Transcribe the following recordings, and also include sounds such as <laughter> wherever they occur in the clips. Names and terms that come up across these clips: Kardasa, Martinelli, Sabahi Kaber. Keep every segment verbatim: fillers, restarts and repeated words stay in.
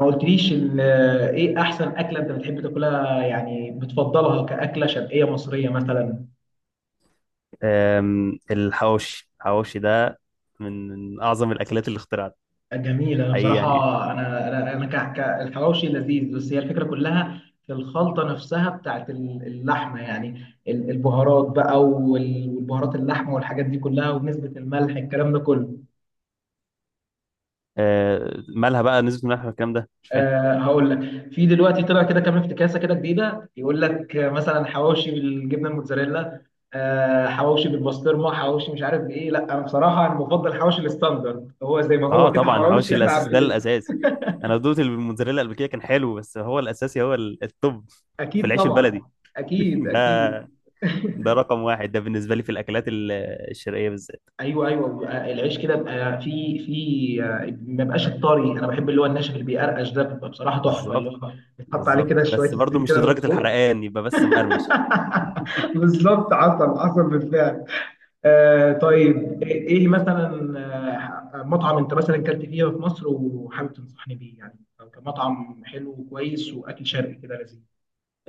ما قلتليش ان ايه احسن اكله انت بتحب تاكلها، يعني بتفضلها كاكله شرقيه مصريه مثلا؟ أم، الحواوشي الحواوشي ده من من اعظم الاكلات اللي اخترعت جميله انا حقيقي بصراحه. يعني. انا انا انا ك- ك- الحواوشي لذيذ، بس هي الفكره كلها في الخلطه نفسها بتاعت ال- اللحمه يعني. ال- البهارات بقى وال- والبهارات، اللحمه والحاجات دي كلها ونسبه الملح الكلام ده كله. أه، مالها بقى نسبة الملح والكلام ده مش فاهم. أه، هقول لك. في دلوقتي طلع كده كام افتكاسه كده جديده، يقول لك آه، مثلا حواوشي بالجبنه الموتزاريلا. أه حواوشي بالبسطرمه، حواوشي مش عارف بايه. لا، انا بصراحه انا بفضل حواوشي الستاندرد، هو زي ما اه هو كده، طبعا الحواوشي حواوشي احنا الاساسي ده عارفينه. الاساسي. انا دوت الموتزاريلا قبل كده كان حلو، بس هو الاساسي هو ال- التوب في اكيد العيش البلدي طبعا. <laughs> اكيد اكيد. ده <laughs> ده رقم واحد ده بالنسبة لي في الاكلات ال- الشرقية بالذات. ايوه ايوه، بيبقى العيش كده، بيبقى في في آه، ما بقاش الطري. انا بحب اللي هو الناشف اللي بيقرقش، ده بيبقى بصراحه تحفه. اللي بالظبط هو بيتحط عليه بالظبط كده شويه بس برضو زيت مش كده من لدرجة فوق. الحرقان، يبقى بس مقرمش. <laughs> <laughs> بالظبط، عسل عسل بالفعل. آه طيب، ايه إيه مثلا. آه مطعم انت مثلا كلت فيه في مصر وحابب تنصحني بيه يعني، أو كمطعم حلو وكويس واكل شرقي كده لذيذ؟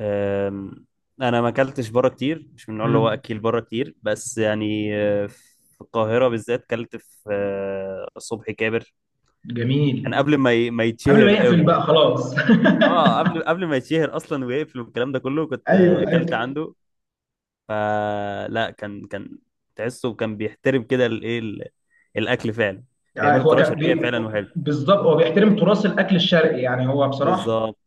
أم، انا ما اكلتش بره كتير، مش من النوع اللي هو مم. اكيل بره كتير، بس يعني آه، في القاهره بالذات اكلت في آه، صبحي كابر. كان جميل. قبل ما ي- ما قبل ما يتشهر يقفل قوي يعني. بقى خلاص. اه قبل قبل ما يتشهر اصلا ويقفل والكلام ده كله، <laughs> كنت آه، ايوه اكلت ايوه. عنده. فلا كان كان تحسه كان بيحترم كده الايه ال- الاكل فعلا، آه، بيعمله هو بطريقه كان شرقيه بي... فعلا وحلو. بالظبط هو بيحترم تراث الاكل الشرقي، يعني هو بصراحه. بالظبط.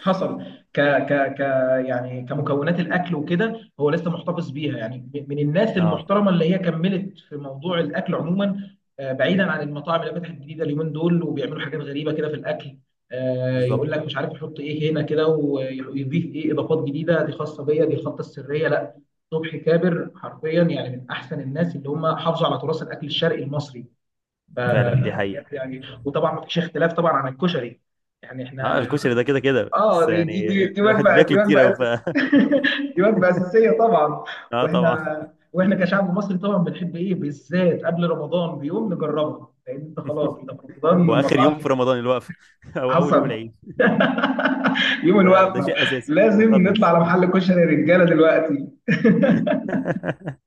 حصل. ك ك ك يعني كمكونات الاكل وكده، هو لسه محتفظ بيها، يعني م- من الناس اه المحترمه اللي هي كملت في موضوع الاكل عموما. آه، بعيدا عن المطاعم اللي فتحت جديده اليومين دول وبيعملوا حاجات غريبه كده في الاكل. آه، يقول بالظبط لك مش عارف يحط ايه هنا كده ويضيف ايه، اضافات جديده دي خاصه بيا، دي الخطه السريه، لا. صبحي كابر حرفيا يعني من احسن الناس اللي هم حافظوا على تراث الاكل الشرقي المصري. ف فعلا، دي حقيقه. يعني وطبعا ما فيش اختلاف طبعا عن الكشري. يعني اه احنا. الكشري ده كده كده بس اه، دي يعني دي دي دي الواحد وجبه، دي بياكله كتير وجبه قوي، ف أساسية. <laughs> <laughs> دي وجبه اساسيه طبعا. اه طبعا. واحنا واحنا كشعب مصري طبعا بنحب ايه بالذات قبل رمضان بيوم نجربها، لان انت خلاص انت في رمضان واخر مطعم. يوم في رمضان الوقفه، <laughs> او اول يوم حصل. العيد. <laughs> يوم ده ده الوقفه. شيء اساسي لازم نطلع مقدس. على محل كشري يا رجاله دلوقتي. <laughs>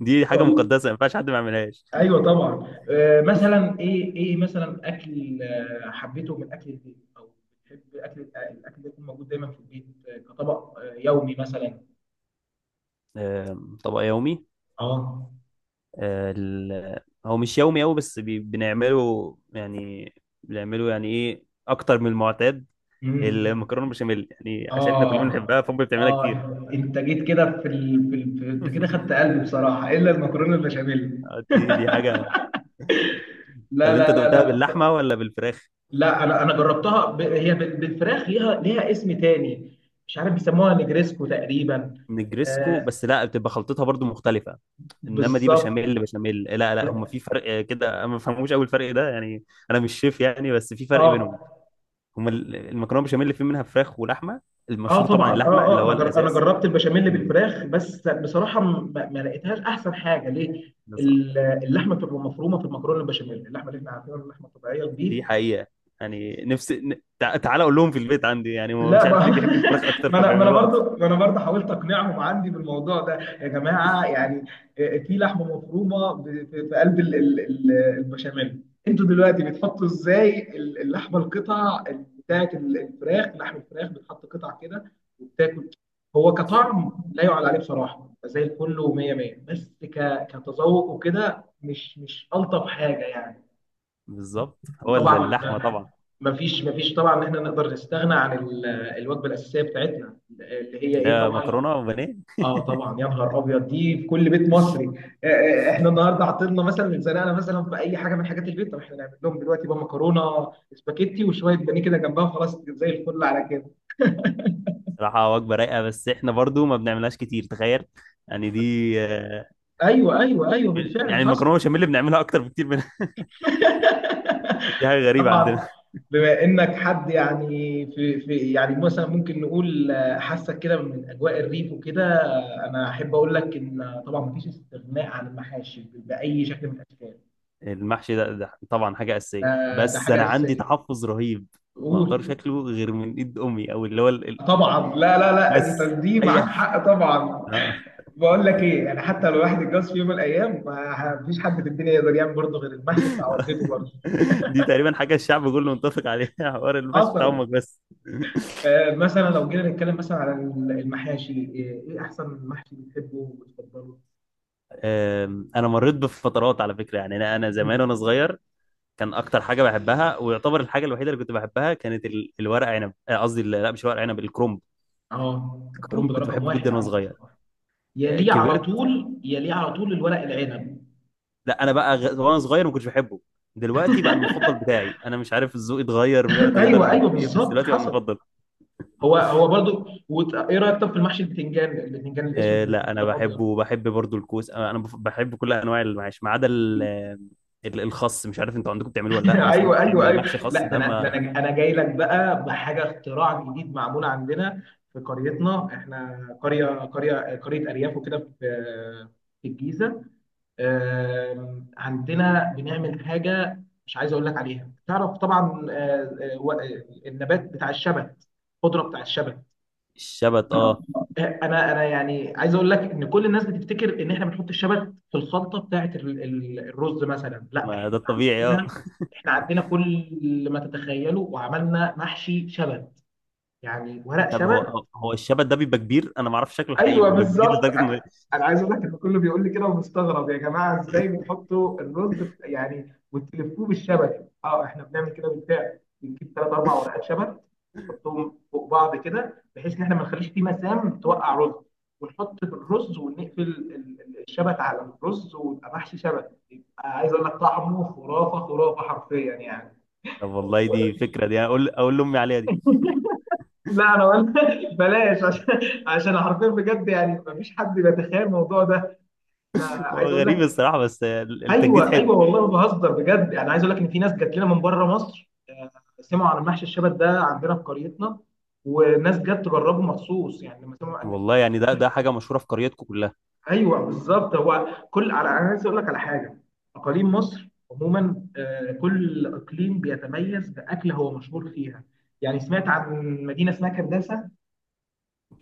دي حاجه والله. مقدسه ما ينفعش حد ما يعملهاش. ايوه طبعا، آه مثلا ايه ايه مثلا اكل آه، حبيته من اكل البيت، او بتحب اكل آه، الاكل ده يكون موجود دايما في البيت، آه، كطبق آه، يومي مثلا؟ آم، طبق يومي. اه. آه، ال- هو مش يومي قوي بس بي- بنعمله يعني، بنعمله يعني ايه اكتر من المعتاد. مم. المكرونه بشاميل، يعني عشان احنا كلنا اه بنحبها فامي بتعملها اه. كتير. <laughs> ف- انت جيت كده في ال... في ال... في- انت كده خدت قلبي بصراحه، الا المكرونه البشاميل. آه، دي دي حاجه. طب لا انت لا لا دقتها لا، بص- باللحمه ولا بالفراخ؟ لا انا انا جربتها، ب... هي بال- بالفراخ، ليها ليها اسم تاني. مش عارف بيسموها نجريسكو تقريبا. نجرسكو، آه. بس لا، بتبقى خلطتها برضو مختلفه. انما دي بالظبط. بشاميل بشاميل، لا لا، هم في فرق آه، كده. أنا ما بفهموش قوي الفرق ده يعني، انا مش شيف يعني، بس في فرق اه بينهم. هم ال- المكرونه بشاميل اللي في منها فراخ ولحمه، اه المشهور طبعا طبعا اللحمه اه. اللي اه، هو انا جر... انا الاساس. جربت البشاميل مم. بالفراخ، بس بصراحه ما, ما لقيتهاش احسن حاجه ليه. بالظبط. ال- اللحمه بتبقى مفرومه في المكرونه البشاميل، اللحمه اللي احنا عارفينها، اللحمه الطبيعيه، البيف. دي حقيقه. يعني نفس ن- تع- تعالى اقول لهم في البيت عندي يعني، هم مش لا ما. عارف ليه بيحبوا الفراخ <laughs> اكتر ما انا ما انا فبيعملوها اكتر. برضو ما انا برضو حاولت اقنعهم عندي بالموضوع ده. يا جماعه يعني. آه، آه، في لحمه مفرومه، ب- في في قلب ال- ال- ال- البشاميل. انتوا دلوقتي بتحطوا ازاي ال- اللحمه، القطع بتاعت ال- الفراخ، لحم الفراخ، بتحط قطع كده وبتاكل؟ هو كطعم لا يعلى عليه بصراحه، زي الفل ومية مية، بس ك- كتذوق وكده مش مش الطف حاجه يعني. بالظبط. هو ال- طبعا اللحمه طبعا. ما فيش ما فيش طبعا ان احنا نقدر نستغنى عن ال- الوجبه الاساسيه بتاعتنا، اللي هي ايه ده طبعا. مكرونه وبانيه. اه طبعا، يا نهار ابيض، دي في كل بيت مصري. آه، آه، احنا النهارده عطلنا مثلا، اتزنقنا مثلا في اي حاجه من حاجات البيت، طب احنا نعمل لهم دلوقتي بقى مكرونه سباكيتي وشويه بانيه كده جنبها، خلاص زي الفل على كده. صراحه وجبه رايقه، بس احنا برضو ما بنعملهاش كتير، تخيل. يعني دي آه، ايوه ايوه ايوه بالفعل، يعني حصل. المكرونه بشاميل بنعملها اكتر بكتير من <laughs> دي حاجه <laughs> غريبه طبعا. عندنا. بما انك حد يعني، في في يعني مثلا ممكن نقول، آه، حاسك كده من اجواء الريف وكده. انا احب اقول لك ان طبعا مفيش استغناء عن المحاشي ب- باي شكل من الاشكال. المحشي ده, ده طبعا حاجة أساسية، ده ده بس حاجه أنا عندي اساسيه. تحفظ رهيب. ما أقدرش قول. أكله غير من إيد أمي، أو اللي هو ال... ال- طبعا لا لا لا، انت بس دي أي معاك حق طبعا. آه. بقول لك ايه يعني، حتى لو الواحد اتجوز في يوم من الايام، ما فيش حد في الدنيا يقدر يعمل برضه غير المحشي بتاع والدته <laughs> برضه. دي تقريبا حاجة الشعب كله متفق عليها، حوار المحشي بتاع حصل. أمك بس. آه مثلا لو جينا نتكلم مثلا على المحاشي، ايه إيه احسن محشي بتحبه وبتفضله؟ أم، أنا مريت بفترات على فكرة، يعني أنا أنا مم. زمان وأنا صغير كان أكتر حاجة بحبها، ويعتبر الحاجة الوحيدة اللي كنت بحبها، كانت ال- الورق عنب، آه، قصدي ال- لا مش ورق عنب، الكرنب. اه، الكرنب الكرنب ده كنت رقم بحبه واحد جدا وأنا عندي صغير. بصراحه. آه، يليه على كبرت. طول، يليه على طول الورق العنب. لا انا بقى غ... وانا صغير ما كنتش بحبه، دلوقتي بقى المفضل بتاعي. انا مش عارف الذوق اتغير مية وتمانين ايوه درجه ايوه ولا ايه، بس بالظبط، دلوقتي بقى حصل. المفضل. هو هو برضو، وت... ايه رايك طب في المحشي البتنجان، البتنجان آه الاسود لا والبتنجان انا الابيض؟ بحبه، وبحب برضو الكوس. انا أنا بف- بحب كل انواع المعاش، ما عدا ال- ال- الخس. مش عارف انتوا عندكم بتعملوه ولا <laughs> لا، بس لما ايوه بتعمل ايوه ايوه. المحشي لا، خس ده ده انا ده ما. انا انا جاي لك بقى بحاجه، اختراع جديد معمول عندنا في قريتنا. احنا قريه، قريه قريه ارياف وكده، في في الجيزه. آم، عندنا بنعمل حاجه مش عايز اقول لك عليها، تعرف طبعا، آه، آه، و- آه، النبات بتاع الشبت، الخضره بتاع الشبت. الشبت، اه. انا انا يعني عايز اقول لك ان كل الناس بتفتكر ان احنا بنحط الشبت في الخلطه بتاعه ال- ال- الرز مثلا. لا، ما احنا ده الطبيعي، اه. عندنا، احنا عندنا كل ما تتخيله، وعملنا محشي شبت، يعني ورق <laughs> طب شبت. هو هو الشبت ده بيبقى كبير، انا ما اعرفش شكله حقيقي، ايوه بيبقى كبير بالظبط. لدرجه إن. انا عايز اقول لك ان كله بيقول لي كده ومستغرب، يا جماعه ازاي بتحطوا الرز بت- يعني وتلفوه بالشبك؟ اه، احنا بنعمل كده بالفعل، بنجيب ثلاث اربع ورقات شبك، نحطهم فوق بعض كده بحيث ان احنا ما نخليش فيه مسام توقع رز، ونحط في الرز ونقفل ال- ال- الشبك على الرز، ويبقى محشي شبك. يبقى عايز اقول لك طعمه خرافه خرافه حرفيا يعني. طب والله دي فكره، دي اقول اقول لامي عليها دي. لا انا قلت، <laughs> بلاش، عشان عشان حرفيا بجد يعني مفيش حد بيتخيل الموضوع ده. انا هو عايز اقول غريب لك. الصراحه، بس آه، التجديد ايوه حلو. ايوه والله ما بهزر بجد يعني، عايز اقول لك ان في ناس جات لنا من بره مصر، آه، سمعوا عن محشي الشبت ده عندنا في قريتنا، وناس جت تجربه مخصوص يعني لما سمعوا، قال لك. والله يعني ده ده حاجه مشهوره في قريتكم كلها. ايوه بالظبط، هو كل على، انا عايز اقول لك على حاجه. اقاليم مصر عموما، آه، كل اقليم بيتميز باكله هو مشهور فيها. يعني سمعت عن مدينه اسمها كرداسه.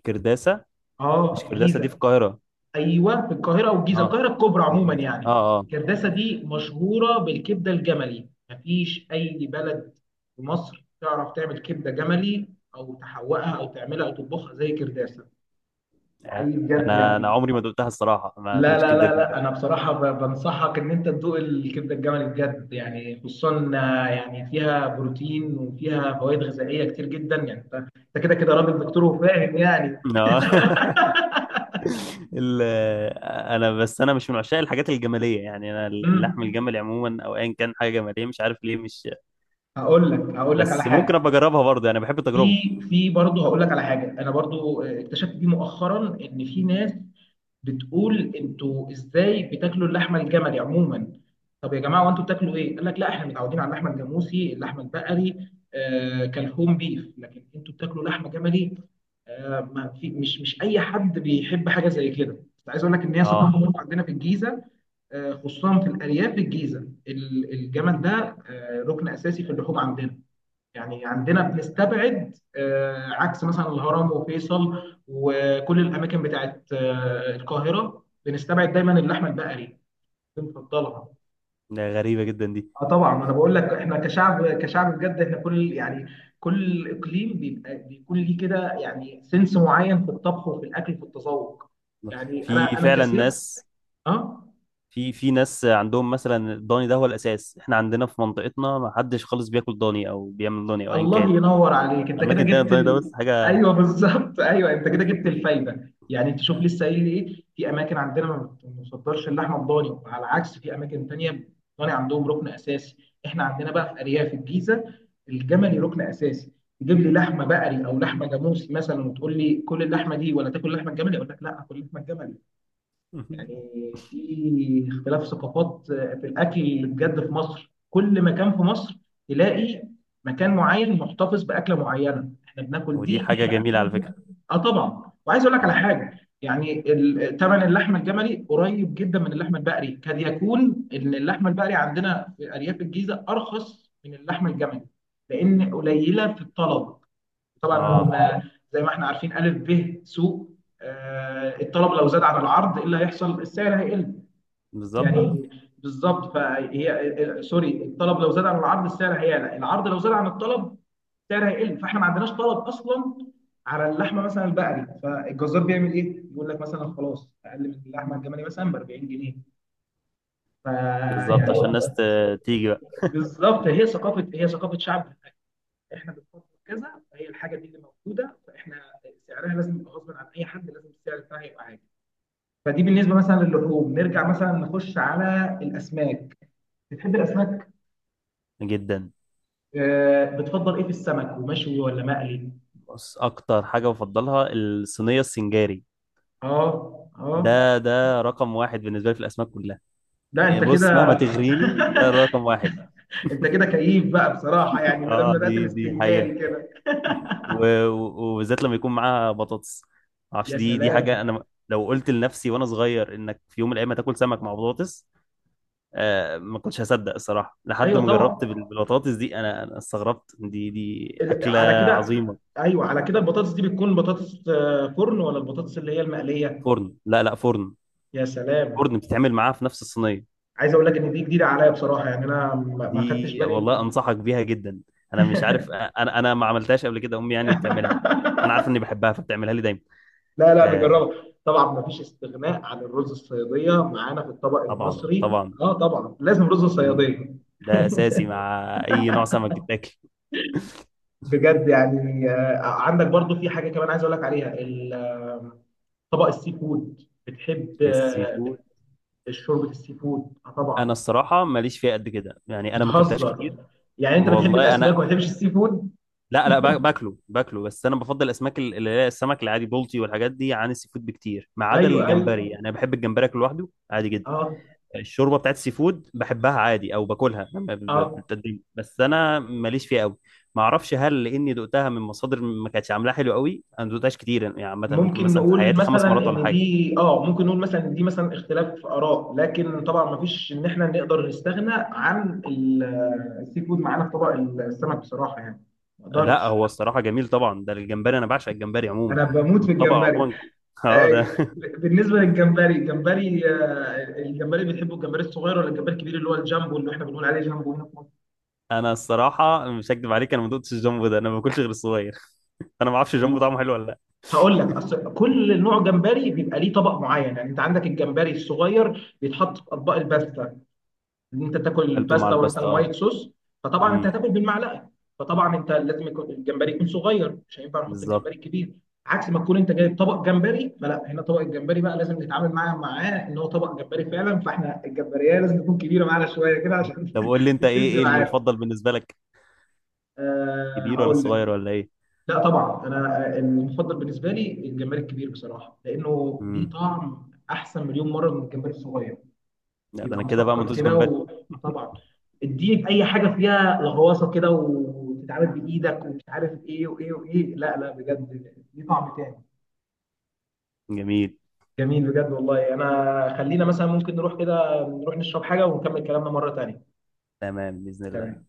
كرداسة. اه، في مش كرداسة دي في الجيزه. القاهرة؟ ايوه، في القاهره والجيزه، اه القاهره الكبرى في عموما الجيزة، يعني. اه اه. كرداسه دي مشهوره بالكبده الجملي، مفيش اي بلد في مصر تعرف تعمل كبده جملي، او تحوقها او تعملها او تطبخها زي كرداسه. آه. حقيقي بجد انا انا يعني. عمري ما دقتها الصراحة، ما لا دقتش لا كبدة لا جمالية لا، انا كده. بصراحه ب- بنصحك ان انت تدوق الكبده الجملي بجد يعني، خصوصا آه، يعني فيها بروتين وفيها فوائد غذائيه كتير جدا يعني، انت أنت كده كده راجل دكتور وفاهم يعني. اه. <laughs> ال- انا بس انا مش من عشاق الحاجات الجمالية، يعني انا اللحم امم الجملي عموما او ايا كان حاجة جمالية، مش عارف ليه مش. هقول لك، هقول لك على بس ممكن ابقى حاجه. اجربها برضه يعني، بحب التجربة. في في برضه هقول لك على حاجه، انا برضه آه، اكتشفت دي مؤخرا ان في ناس بتقول، انتوا ازاي بتاكلوا اللحمه الجملي عموما؟ طب يا جماعه وانتوا بتاكلوا ايه؟ قال لك لا، احنا متعودين على اللحمه الجاموسي، اللحمه البقري، آه كالهوم بيف. لكن انتوا بتاكلوا لحمه جملي؟ آه، ما في، مش مش اي حد بيحب حاجه زي كده، بس عايز اقول لك ان هي اه، ثقافه برضه عندنا في الجيزه. آه. خصوصا في الارياف في الجيزه، ال- الجمل ده آه ركن اساسي في اللحوم عندنا. يعني عندنا بنستبعد، آه، عكس مثلا الهرم وفيصل وكل الاماكن بتاعت آه، القاهره، بنستبعد دايما اللحمه البقري، بنفضلها. ده غريبة جدا دي. اه طبعا، انا بقول لك احنا كشعب، كشعب بجد، احنا كل يعني كل اقليم بيبقى بيكون ليه كده، يعني سنس معين في الطبخ وفي الاكل وفي التذوق. يعني انا في انا فعلا كسيف. ناس، اه. في في ناس عندهم مثلا الضاني ده هو الاساس. احنا عندنا في منطقتنا ما حدش خالص بياكل ضاني او بيعمل ضاني او ايا الله كان. ينور عليك، انت كده اماكن تانية جبت الضاني ده ال... بص حاجة. ايوه بالظبط، <laughs> ايوه انت كده جبت <laughs> الفايده يعني. انت شوف لسه قايل ايه، في اماكن عندنا ما بنفضلش اللحمه الضاني، على العكس في اماكن تانية الضاني عندهم ركن اساسي. احنا عندنا بقى في ارياف الجيزه الجملي ركن اساسي. تجيب لي لحمه بقري او لحمه جاموسي مثلا وتقول لي كل اللحمه دي ولا تاكل لحمه الجملي، اقول لك لا، اكل لحمه الجملي. يعني في اختلاف ثقافات في الاكل اللي بجد في مصر، كل مكان في مصر تلاقي مكان معين محتفظ باكله معينه، احنا بناكل ودي دي. حاجة جميلة على فكرة. اه طبعا، وعايز اقول لك على مم. حاجه يعني. ثمن اللحمه الجملي قريب جدا من اللحمه البقري، قد يكون ان اللحمه البقري عندنا في ارياف الجيزه ارخص من اللحمه الجملي لان قليله في الطلب، طبعا. اه. آه، زي ما احنا عارفين الف ب سوق، آه، الطلب لو زاد عن العرض ايه اللي هيحصل، السعر هيقل. بالظبط. يعني بالظبط، فهي سوري، الطلب لو زاد عن العرض السعر هيعلى، العرض لو زاد عن الطلب السعر هيقل. فاحنا ما عندناش طلب اصلا على اللحمه مثلا البقري، فالجزار بيعمل ايه؟ بيقول لك مثلا خلاص اقل من اللحمه الجملي مثلا ب أربعين جنيه، بالظبط فيعني. عشان الناس ت- تيجي بقى. بالظبط، <laughs> هي ثقافه، هي ثقافه شعب، احنا بنفكر كذا، فهي الحاجه دي اللي موجوده، فاحنا سعرها لازم يبقى غصب عن اي حد، لازم السعر بتاعها يبقى عالي. فدي بالنسبه مثلا للحوم، نرجع مثلا نخش على الاسماك. بتحب الاسماك؟ جدا. آه بتفضل ايه في السمك، ومشوي ولا مقلي؟ بص اكتر حاجة بفضلها الصينية السنجاري. اه اه. ده ده رقم واحد بالنسبة لي في الاسماك كلها. لا إيه، انت بص مهما كده، تغريني ده ده <laughs> رقم واحد. انت كده كيف بقى بصراحه يعني، <laughs> ما دام اه بدات دي دي حقيقة، السنجاري كده. و- و- وبالذات لما يكون معاها بطاطس. يا معرفش دي دي سلام. حاجة، انا لو قلت لنفسي وانا صغير انك في يوم من الايام هتاكل سمك مع بطاطس، آه، ما كنتش هصدق الصراحه، لحد ايوه ما جربت طبعا. بال- بالبطاطس دي. انا انا استغربت، دي دي ال- اكله على كده. عظيمه. ايوه على كده، البطاطس دي بتكون بطاطس آه، فرن ولا البطاطس اللي هي المقليه؟ فرن، لا لا، فرن، يا سلام. فرن بتتعمل معاها في نفس الصينيه. عايز اقول لك ان دي جديده عليا بصراحه يعني، انا ما ما خدتش دي بالي في والله مم... انصحك بيها جدا. انا مش عارف، انا انا ما عملتهاش قبل كده، امي يعني اللي بتعملها. انا عارف اني <laughs> بحبها فبتعملها لي دايما. لا لا، آه، نجربها طبعا، ما فيش استغناء عن الرز الصياديه معانا في الطبق طبعا المصري، طبعا. اه طبعا لازم رز مم. الصياديه. ده اساسي مع اي نوع سمك بتاكل. بجد يعني، آه عندك برضو في حاجه كمان عايز اقول لك عليها، ال- آه، طبق السي فود. بتحب السي آه، فود. بت- شوربه السي فود؟ آه انا طبعا. الصراحه ماليش فيها قد كده، يعني انا ما اكلتهاش بتهزر؟ كتير. يعني انت بتحب والله الاسماك انا وما بتحبش السي فود؟ لا لا باك- باكله باكله بس انا بفضل الاسماك ال- اللي هي السمك العادي، بولتي والحاجات دي، عن السي فود بكتير. ما عدا ايوه الجمبري، ايوه. يعني انا بحب الجمبري اكله لوحده عادي جدا. اه. الشوربه بتاعت السي فود بحبها عادي، او باكلها لما ب- ب- اه بتتقدم، بس انا ماليش فيها قوي. ما اعرفش هل لاني دقتها من مصادر ما كانتش عاملاها حلو قوي. انا ما دقتهاش كتير يعني يعني عامه ممكن ممكن مثلا في نقول حياتي مثلا خمس مرات ولا ان حاجه. دي اه ممكن نقول مثلا ان دي مثلا اختلاف في اراء، لكن طبعا ما فيش ان احنا نقدر نستغنى عن ال- آه، السي فود معانا في طبق السمك بصراحه يعني، ما لا اقدرش. هو الصراحه جميل طبعا، ده الجمبري انا بعشق الجمبري عموما، انا بموت في والطبق الجمبري. عموما. <laughs> آه، اه ده. ب- بالنسبه للجمبري، الجمبري آه، الجمبري بتحبه، الجمبري الصغير ولا الجمبري الكبير اللي هو الجامبو، اللي احنا بنقول عليه جامبو هنا في انا الصراحه مش هكدب عليك، انا ما دقتش الجامبو ده، انا ما باكلش غير الصغير. انا ما اعرفش جامبو مصر؟ طعمه حلو ولا لا. هقول لك، اصل كل نوع جمبري بيبقى ليه طبق معين، يعني انت عندك الجمبري الصغير بيتحط في اطباق الباستا. ان انت تاكل اكلته مع باستا مثلا الباستا، وايت اه. صوص، فطبعا انت امم. هتاكل بالمعلقه، فطبعا انت لازم يكون الجمبري يكون صغير، مش هينفع نحط بالظبط. الجمبري الكبير. عكس ما تكون انت جايب طبق جمبري، فلا، هنا طبق الجمبري بقى لازم نتعامل معاه، معاه ان هو طبق جمبري فعلا، فاحنا الجمبريه لازم تكون كبيره معانا شويه كده، عشان طب <laughs> قول لي انت ايه تسد ايه معانا. المفضل بالنسبه لك، أه، كبير ولا هقول لك. صغير ولا ايه؟ لا طبعا، انا المفضل بالنسبه لي الجمبري الكبير بصراحه، لانه ليه امم. طعم احسن مليون مره من الجمبري الصغير. لا ده بيبقى انا كده بقى ما مسكر دوش كده جمبري. و... آه طبعا. اديه اي حاجه فيها لغواصه كده وتتعامل بايدك ومش عارف ايه وايه وايه، لا لا بجد ليه طعم تاني. جميل. جميل بجد والله، انا خلينا مثلا ممكن نروح كده، نروح نشرب حاجه ونكمل كلامنا مره تانيه. تمام باذن تمام. الله.